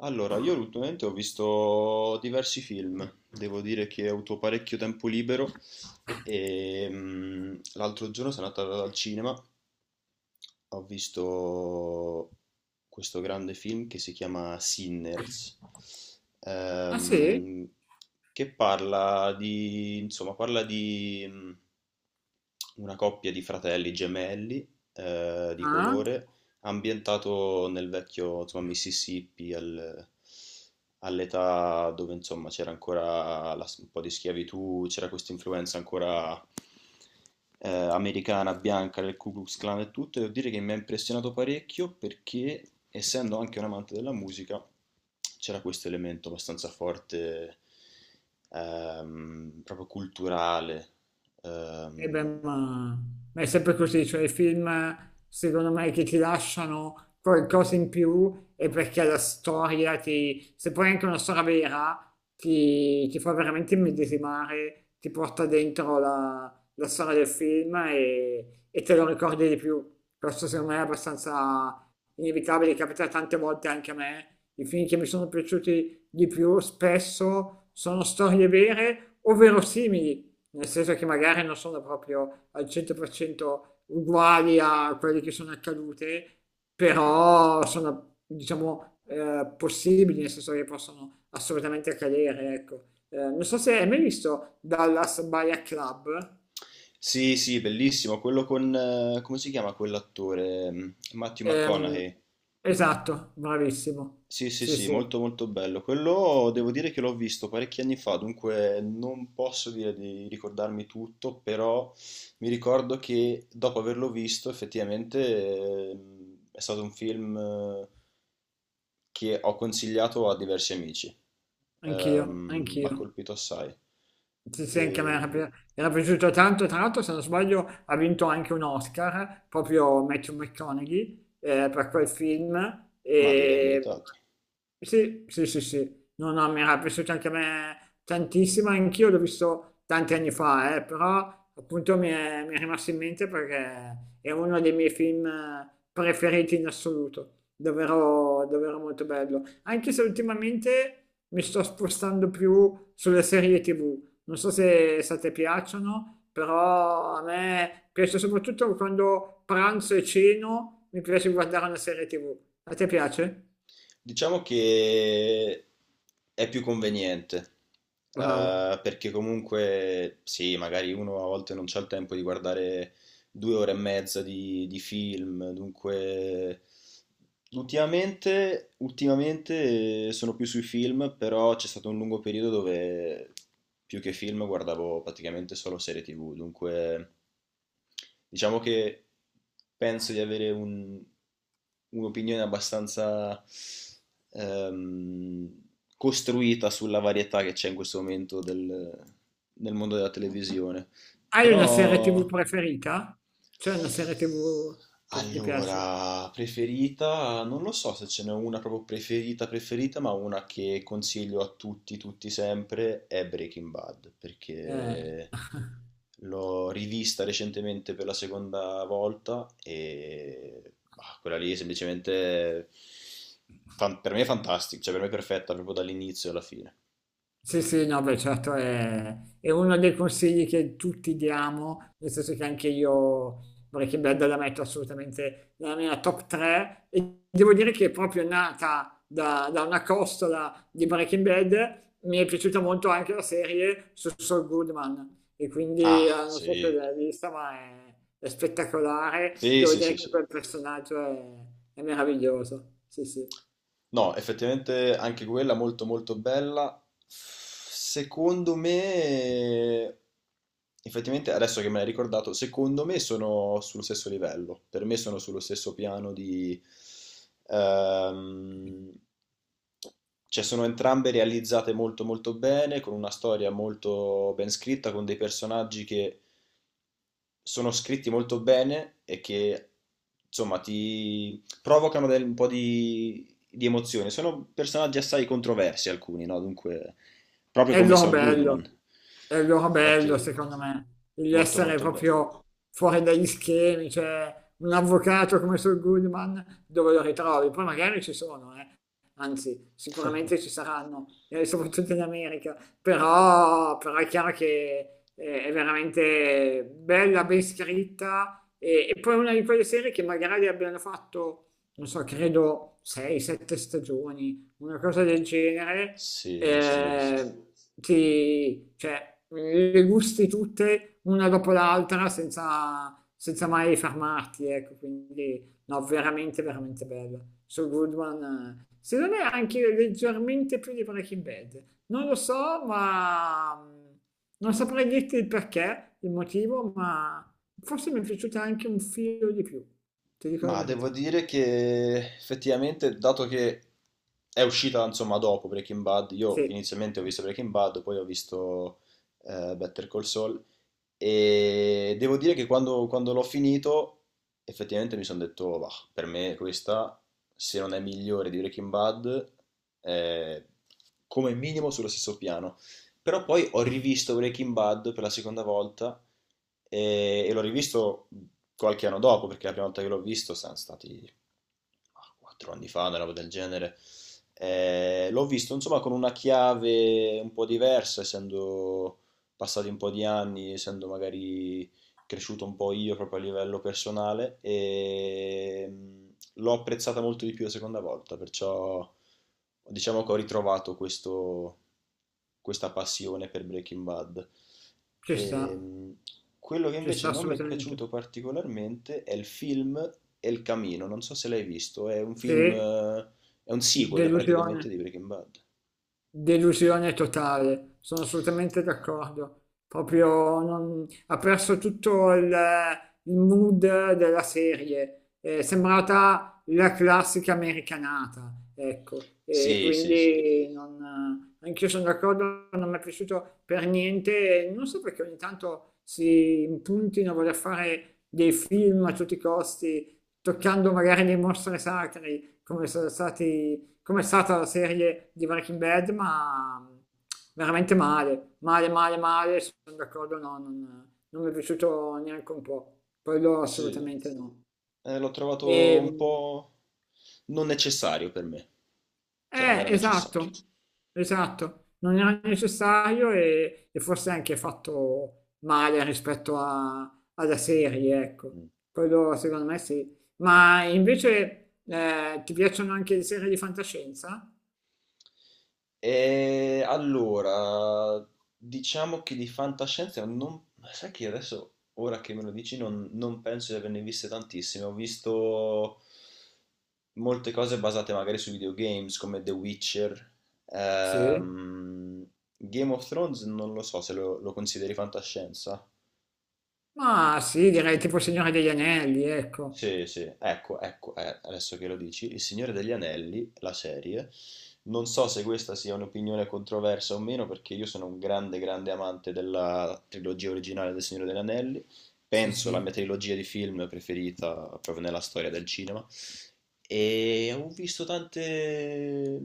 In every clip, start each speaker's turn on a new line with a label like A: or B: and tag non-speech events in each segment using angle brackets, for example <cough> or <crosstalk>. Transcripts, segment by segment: A: Allora, io ultimamente ho visto diversi film, devo dire che ho avuto parecchio tempo libero e l'altro giorno sono andato al cinema. Ho visto questo grande film che si chiama Sinners,
B: Ah, sì?
A: ehm, che parla di, insomma, parla di una coppia di fratelli gemelli di
B: Ah?
A: colore, ambientato nel vecchio, insomma, Mississippi, all'età dove, insomma, c'era ancora un po' di schiavitù, c'era questa influenza ancora americana, bianca, del Ku Klux Klan e tutto, e devo dire che mi ha impressionato parecchio perché, essendo anche un amante della musica, c'era questo elemento abbastanza forte, proprio culturale.
B: E beh,
A: Ehm,
B: ma è sempre così, cioè i film secondo me che ti lasciano qualcosa in più è perché la storia ti, se poi è anche una storia vera, ti fa veramente immedesimare, ti porta dentro la storia del film e te lo ricordi di più. Questo secondo me è abbastanza inevitabile, capita tante volte anche a me. I film che mi sono piaciuti di più spesso sono storie vere o verosimili nel senso che magari non sono proprio al 100% uguali a quelle che sono accadute, però sono, diciamo, possibili, nel senso che possono assolutamente accadere, ecco. Non so se hai mai visto Dallas Buyer Club.
A: sì, sì, bellissimo, quello con, come si chiama quell'attore? Matthew
B: Ehm,
A: McConaughey.
B: esatto, bravissimo.
A: Sì, sì,
B: Sì,
A: sì,
B: sì,
A: molto molto bello. Quello devo dire che l'ho visto parecchi anni fa, dunque non posso dire di ricordarmi tutto, però mi ricordo che dopo averlo visto effettivamente è stato un film che ho consigliato a diversi amici. Mi ha
B: anch'io.
A: colpito assai,
B: Sì, sì, anche a me era,
A: Ehm,
B: era piaciuto tanto, tra l'altro se non sbaglio ha vinto anche un Oscar, proprio Matthew McConaughey, per quel film.
A: ma direi
B: E...
A: meritato.
B: Sì, sì, sì, sì, no, no, mi era piaciuto anche a me tantissimo, anch'io l'ho visto tanti anni fa, però appunto mi è rimasto in mente perché è uno dei miei film preferiti in assoluto, davvero molto bello, anche se ultimamente mi sto spostando più sulle serie TV, non so se a te piacciono, però a me piace soprattutto quando pranzo e ceno, mi piace guardare una serie TV. A te piace?
A: Diciamo che è più conveniente,
B: Bravo.
A: perché comunque sì, magari uno a volte non c'ha il tempo di guardare 2 ore e mezza di film, dunque ultimamente, ultimamente sono più sui film, però c'è stato un lungo periodo dove più che film guardavo praticamente solo serie TV, dunque diciamo che penso di avere un'opinione abbastanza ehm, costruita sulla varietà che c'è in questo momento nel mondo della televisione.
B: Hai una serie TV
A: Però
B: preferita? C'è una serie TV che ti piace?
A: allora, preferita, non lo so se ce n'è una proprio preferita preferita, ma una che consiglio a tutti, tutti sempre, è Breaking Bad,
B: Eh.
A: perché
B: <laughs>
A: l'ho rivista recentemente per la seconda volta e bah, quella lì è semplicemente, per me è fantastica, cioè per me è perfetta proprio dall'inizio alla fine.
B: Sì, sì, no, beh, certo è uno dei consigli che tutti diamo, nel senso che anche io Breaking Bad la metto assolutamente nella mia top 3 e devo dire che è proprio nata da una costola di Breaking Bad, mi è piaciuta molto anche la serie su Saul Goodman e quindi
A: Ah,
B: non so se
A: sì,
B: l'hai vista, ma è spettacolare,
A: sì,
B: devo
A: sì,
B: dire
A: sì,
B: che
A: sì.
B: quel personaggio è meraviglioso, sì, sì.
A: No, effettivamente anche quella molto molto bella. Secondo me, effettivamente adesso che me l'hai ricordato, secondo me sono sullo stesso livello. Per me sono sullo stesso piano ehm, cioè sono entrambe realizzate molto molto bene, con una storia molto ben scritta, con dei personaggi che sono scritti molto bene e che insomma ti provocano un po' di emozione. Sono personaggi assai controversi alcuni, no? Dunque, proprio
B: È il
A: come
B: loro
A: Saul Goodman.
B: bello, è il loro bello
A: Infatti,
B: secondo me, di
A: molto
B: essere
A: molto bello.
B: proprio fuori dagli schemi, cioè un avvocato come Saul Goodman dove lo ritrovi? Poi magari ci sono, eh. Anzi, sicuramente ci saranno, soprattutto in America, però, però è chiaro che è veramente bella, ben scritta e poi una di quelle serie che magari abbiano fatto, non so, credo 6-7 stagioni una cosa del genere,
A: Sì, mi sembra di sì.
B: eh, ti, cioè, le gusti tutte una dopo l'altra senza, senza mai fermarti, ecco, quindi no, veramente bella. So Good One, secondo me anche leggermente più di Breaking Bad. Non lo so, ma non saprei dirti il perché, il motivo, ma forse mi è piaciuta anche un filo di più, ti dico la
A: Ma devo
B: verità.
A: dire che effettivamente, dato che è uscita insomma dopo Breaking Bad,
B: Sì,
A: io inizialmente ho visto Breaking Bad, poi ho visto Better Call Saul, e devo dire che quando l'ho finito effettivamente mi sono detto, "Bah, per me questa, se non è migliore di Breaking Bad, è come minimo sullo stesso piano." Però poi ho rivisto Breaking Bad per la seconda volta e l'ho rivisto qualche anno dopo, perché la prima volta che l'ho visto sono stati 4 anni fa, una roba del genere. L'ho visto insomma con una chiave un po' diversa, essendo passati un po' di anni, essendo magari cresciuto un po' io proprio a livello personale e l'ho apprezzata molto di più la seconda volta, perciò diciamo che ho ritrovato questa passione per Breaking Bad.
B: ci sta,
A: Ehm, Quello che
B: ci sta
A: invece non mi è
B: assolutamente.
A: piaciuto particolarmente è il film El Camino, non so se l'hai visto, è un film,
B: Sì.
A: è un sequel
B: Delusione,
A: praticamente di Breaking Bad.
B: delusione totale, sono assolutamente
A: Eh
B: d'accordo. Proprio non- Ha perso tutto il mood della serie, è sembrata la classica americanata, ecco, e
A: sì, sì, sì.
B: quindi non, anch'io sono d'accordo, non mi è piaciuto per niente, non so perché ogni tanto si impuntino a voler fare dei film a tutti i costi, toccando magari dei mostri sacri, come sono stati come è stata la serie di Breaking Bad, ma veramente male, sono d'accordo, no, non mi è piaciuto neanche un po', quello
A: Sì.
B: assolutamente no.
A: L'ho trovato un
B: E,
A: po' non necessario per me, cioè non era necessario.
B: esatto, esatto, non era necessario e forse anche fatto male rispetto alla serie, ecco,
A: Mm.
B: quello secondo me sì. Ma invece ti piacciono anche le serie di fantascienza?
A: E allora, diciamo che di fantascienza non. Ma sai che adesso, ora che me lo dici, non penso di averne viste tantissime. Ho visto molte cose basate magari su videogames come The Witcher.
B: Sì.
A: Ehm, Game of Thrones non lo so se lo consideri fantascienza.
B: Ma sì, direi tipo Signore degli Anelli, ecco.
A: Sì, sì, ecco, ecco, adesso che lo dici, Il Signore degli Anelli, la serie, non so se questa sia un'opinione controversa o meno, perché io sono un grande, grande amante della trilogia originale del Signore degli Anelli,
B: Sì,
A: penso la mia
B: sì.
A: trilogia di film preferita proprio nella storia del cinema, e ho visto tante,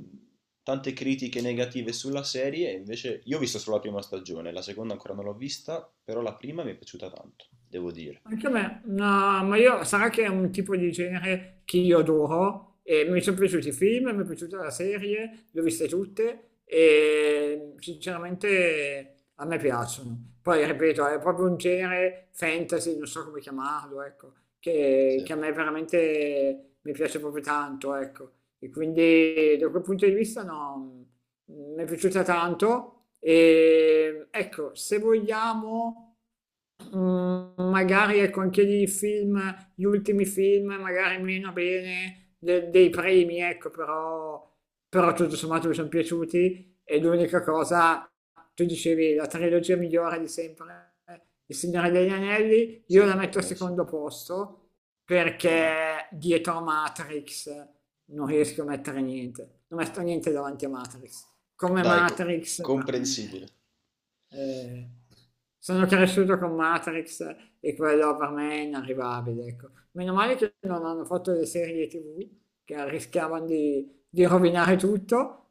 A: tante critiche negative sulla serie, invece io ho visto solo la prima stagione, la seconda ancora non l'ho vista, però la prima mi è piaciuta tanto, devo dire.
B: Anche a me, no, ma io sarà che è un tipo di genere che io adoro e mi sono piaciuti i film, mi è piaciuta la serie, le ho viste tutte e sinceramente a me piacciono. Poi ripeto, è proprio un genere fantasy, non so come chiamarlo, ecco,
A: Sì,
B: che a me veramente mi piace proprio tanto, ecco. E quindi da quel punto di vista no, mi è piaciuta tanto e ecco, se vogliamo... Mm, magari ecco anche lì i film, gli ultimi film, magari meno bene dei primi, ecco, però, però tutto sommato mi sono piaciuti e l'unica cosa, tu dicevi, la trilogia migliore di sempre, Il Signore degli Anelli, io la
A: sì, per
B: metto al
A: me sì.
B: secondo posto
A: Ah,
B: perché dietro a Matrix non riesco a mettere niente, non metto niente davanti a Matrix. Come
A: dai,
B: Matrix per me.
A: comprensibile.
B: Eh, sono cresciuto con Matrix e quello per me è inarrivabile, ecco. Meno male che non hanno fatto le serie TV che rischiavano di rovinare tutto,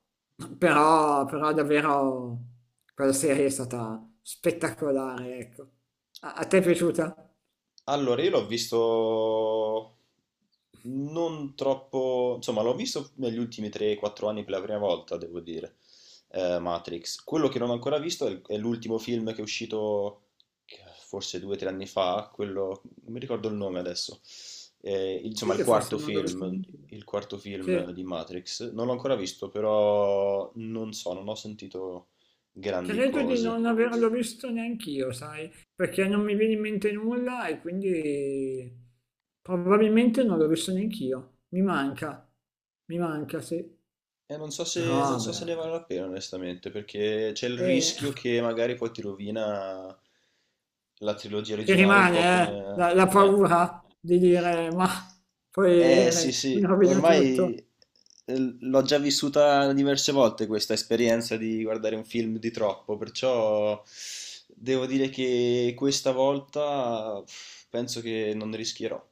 B: però, però davvero quella serie è stata spettacolare, ecco. A, a te è piaciuta?
A: Allora, io l'ho visto non troppo, insomma, l'ho visto negli ultimi 3-4 anni per la prima volta, devo dire, Matrix. Quello che non ho ancora visto è l'ultimo film che è uscito che- forse 2-3 anni fa, quello, non mi ricordo il nome adesso.
B: Sì,
A: Insomma,
B: che forse non l'ho vista neanche io.
A: il quarto film
B: Sì.
A: di Matrix. Non l'ho ancora visto, però non so, non ho sentito grandi
B: Credo di
A: cose.
B: non averlo visto neanch'io, sai, perché non mi viene in mente nulla e quindi probabilmente non l'ho visto neanch'io. Mi manca, sì.
A: Eh, non so
B: Però
A: se, non so
B: vabbè,
A: se ne vale la pena, onestamente, perché c'è il
B: eh, <laughs>
A: rischio che magari poi ti rovina la trilogia
B: ti
A: originale, un
B: rimane
A: po' come...
B: la
A: Eh,
B: paura di dire, ma poi
A: Eh sì,
B: mi
A: sì,
B: rovina
A: ormai
B: tutto.
A: l'ho già vissuta diverse volte questa esperienza di guardare un film di troppo, perciò devo dire che questa volta penso che non rischierò.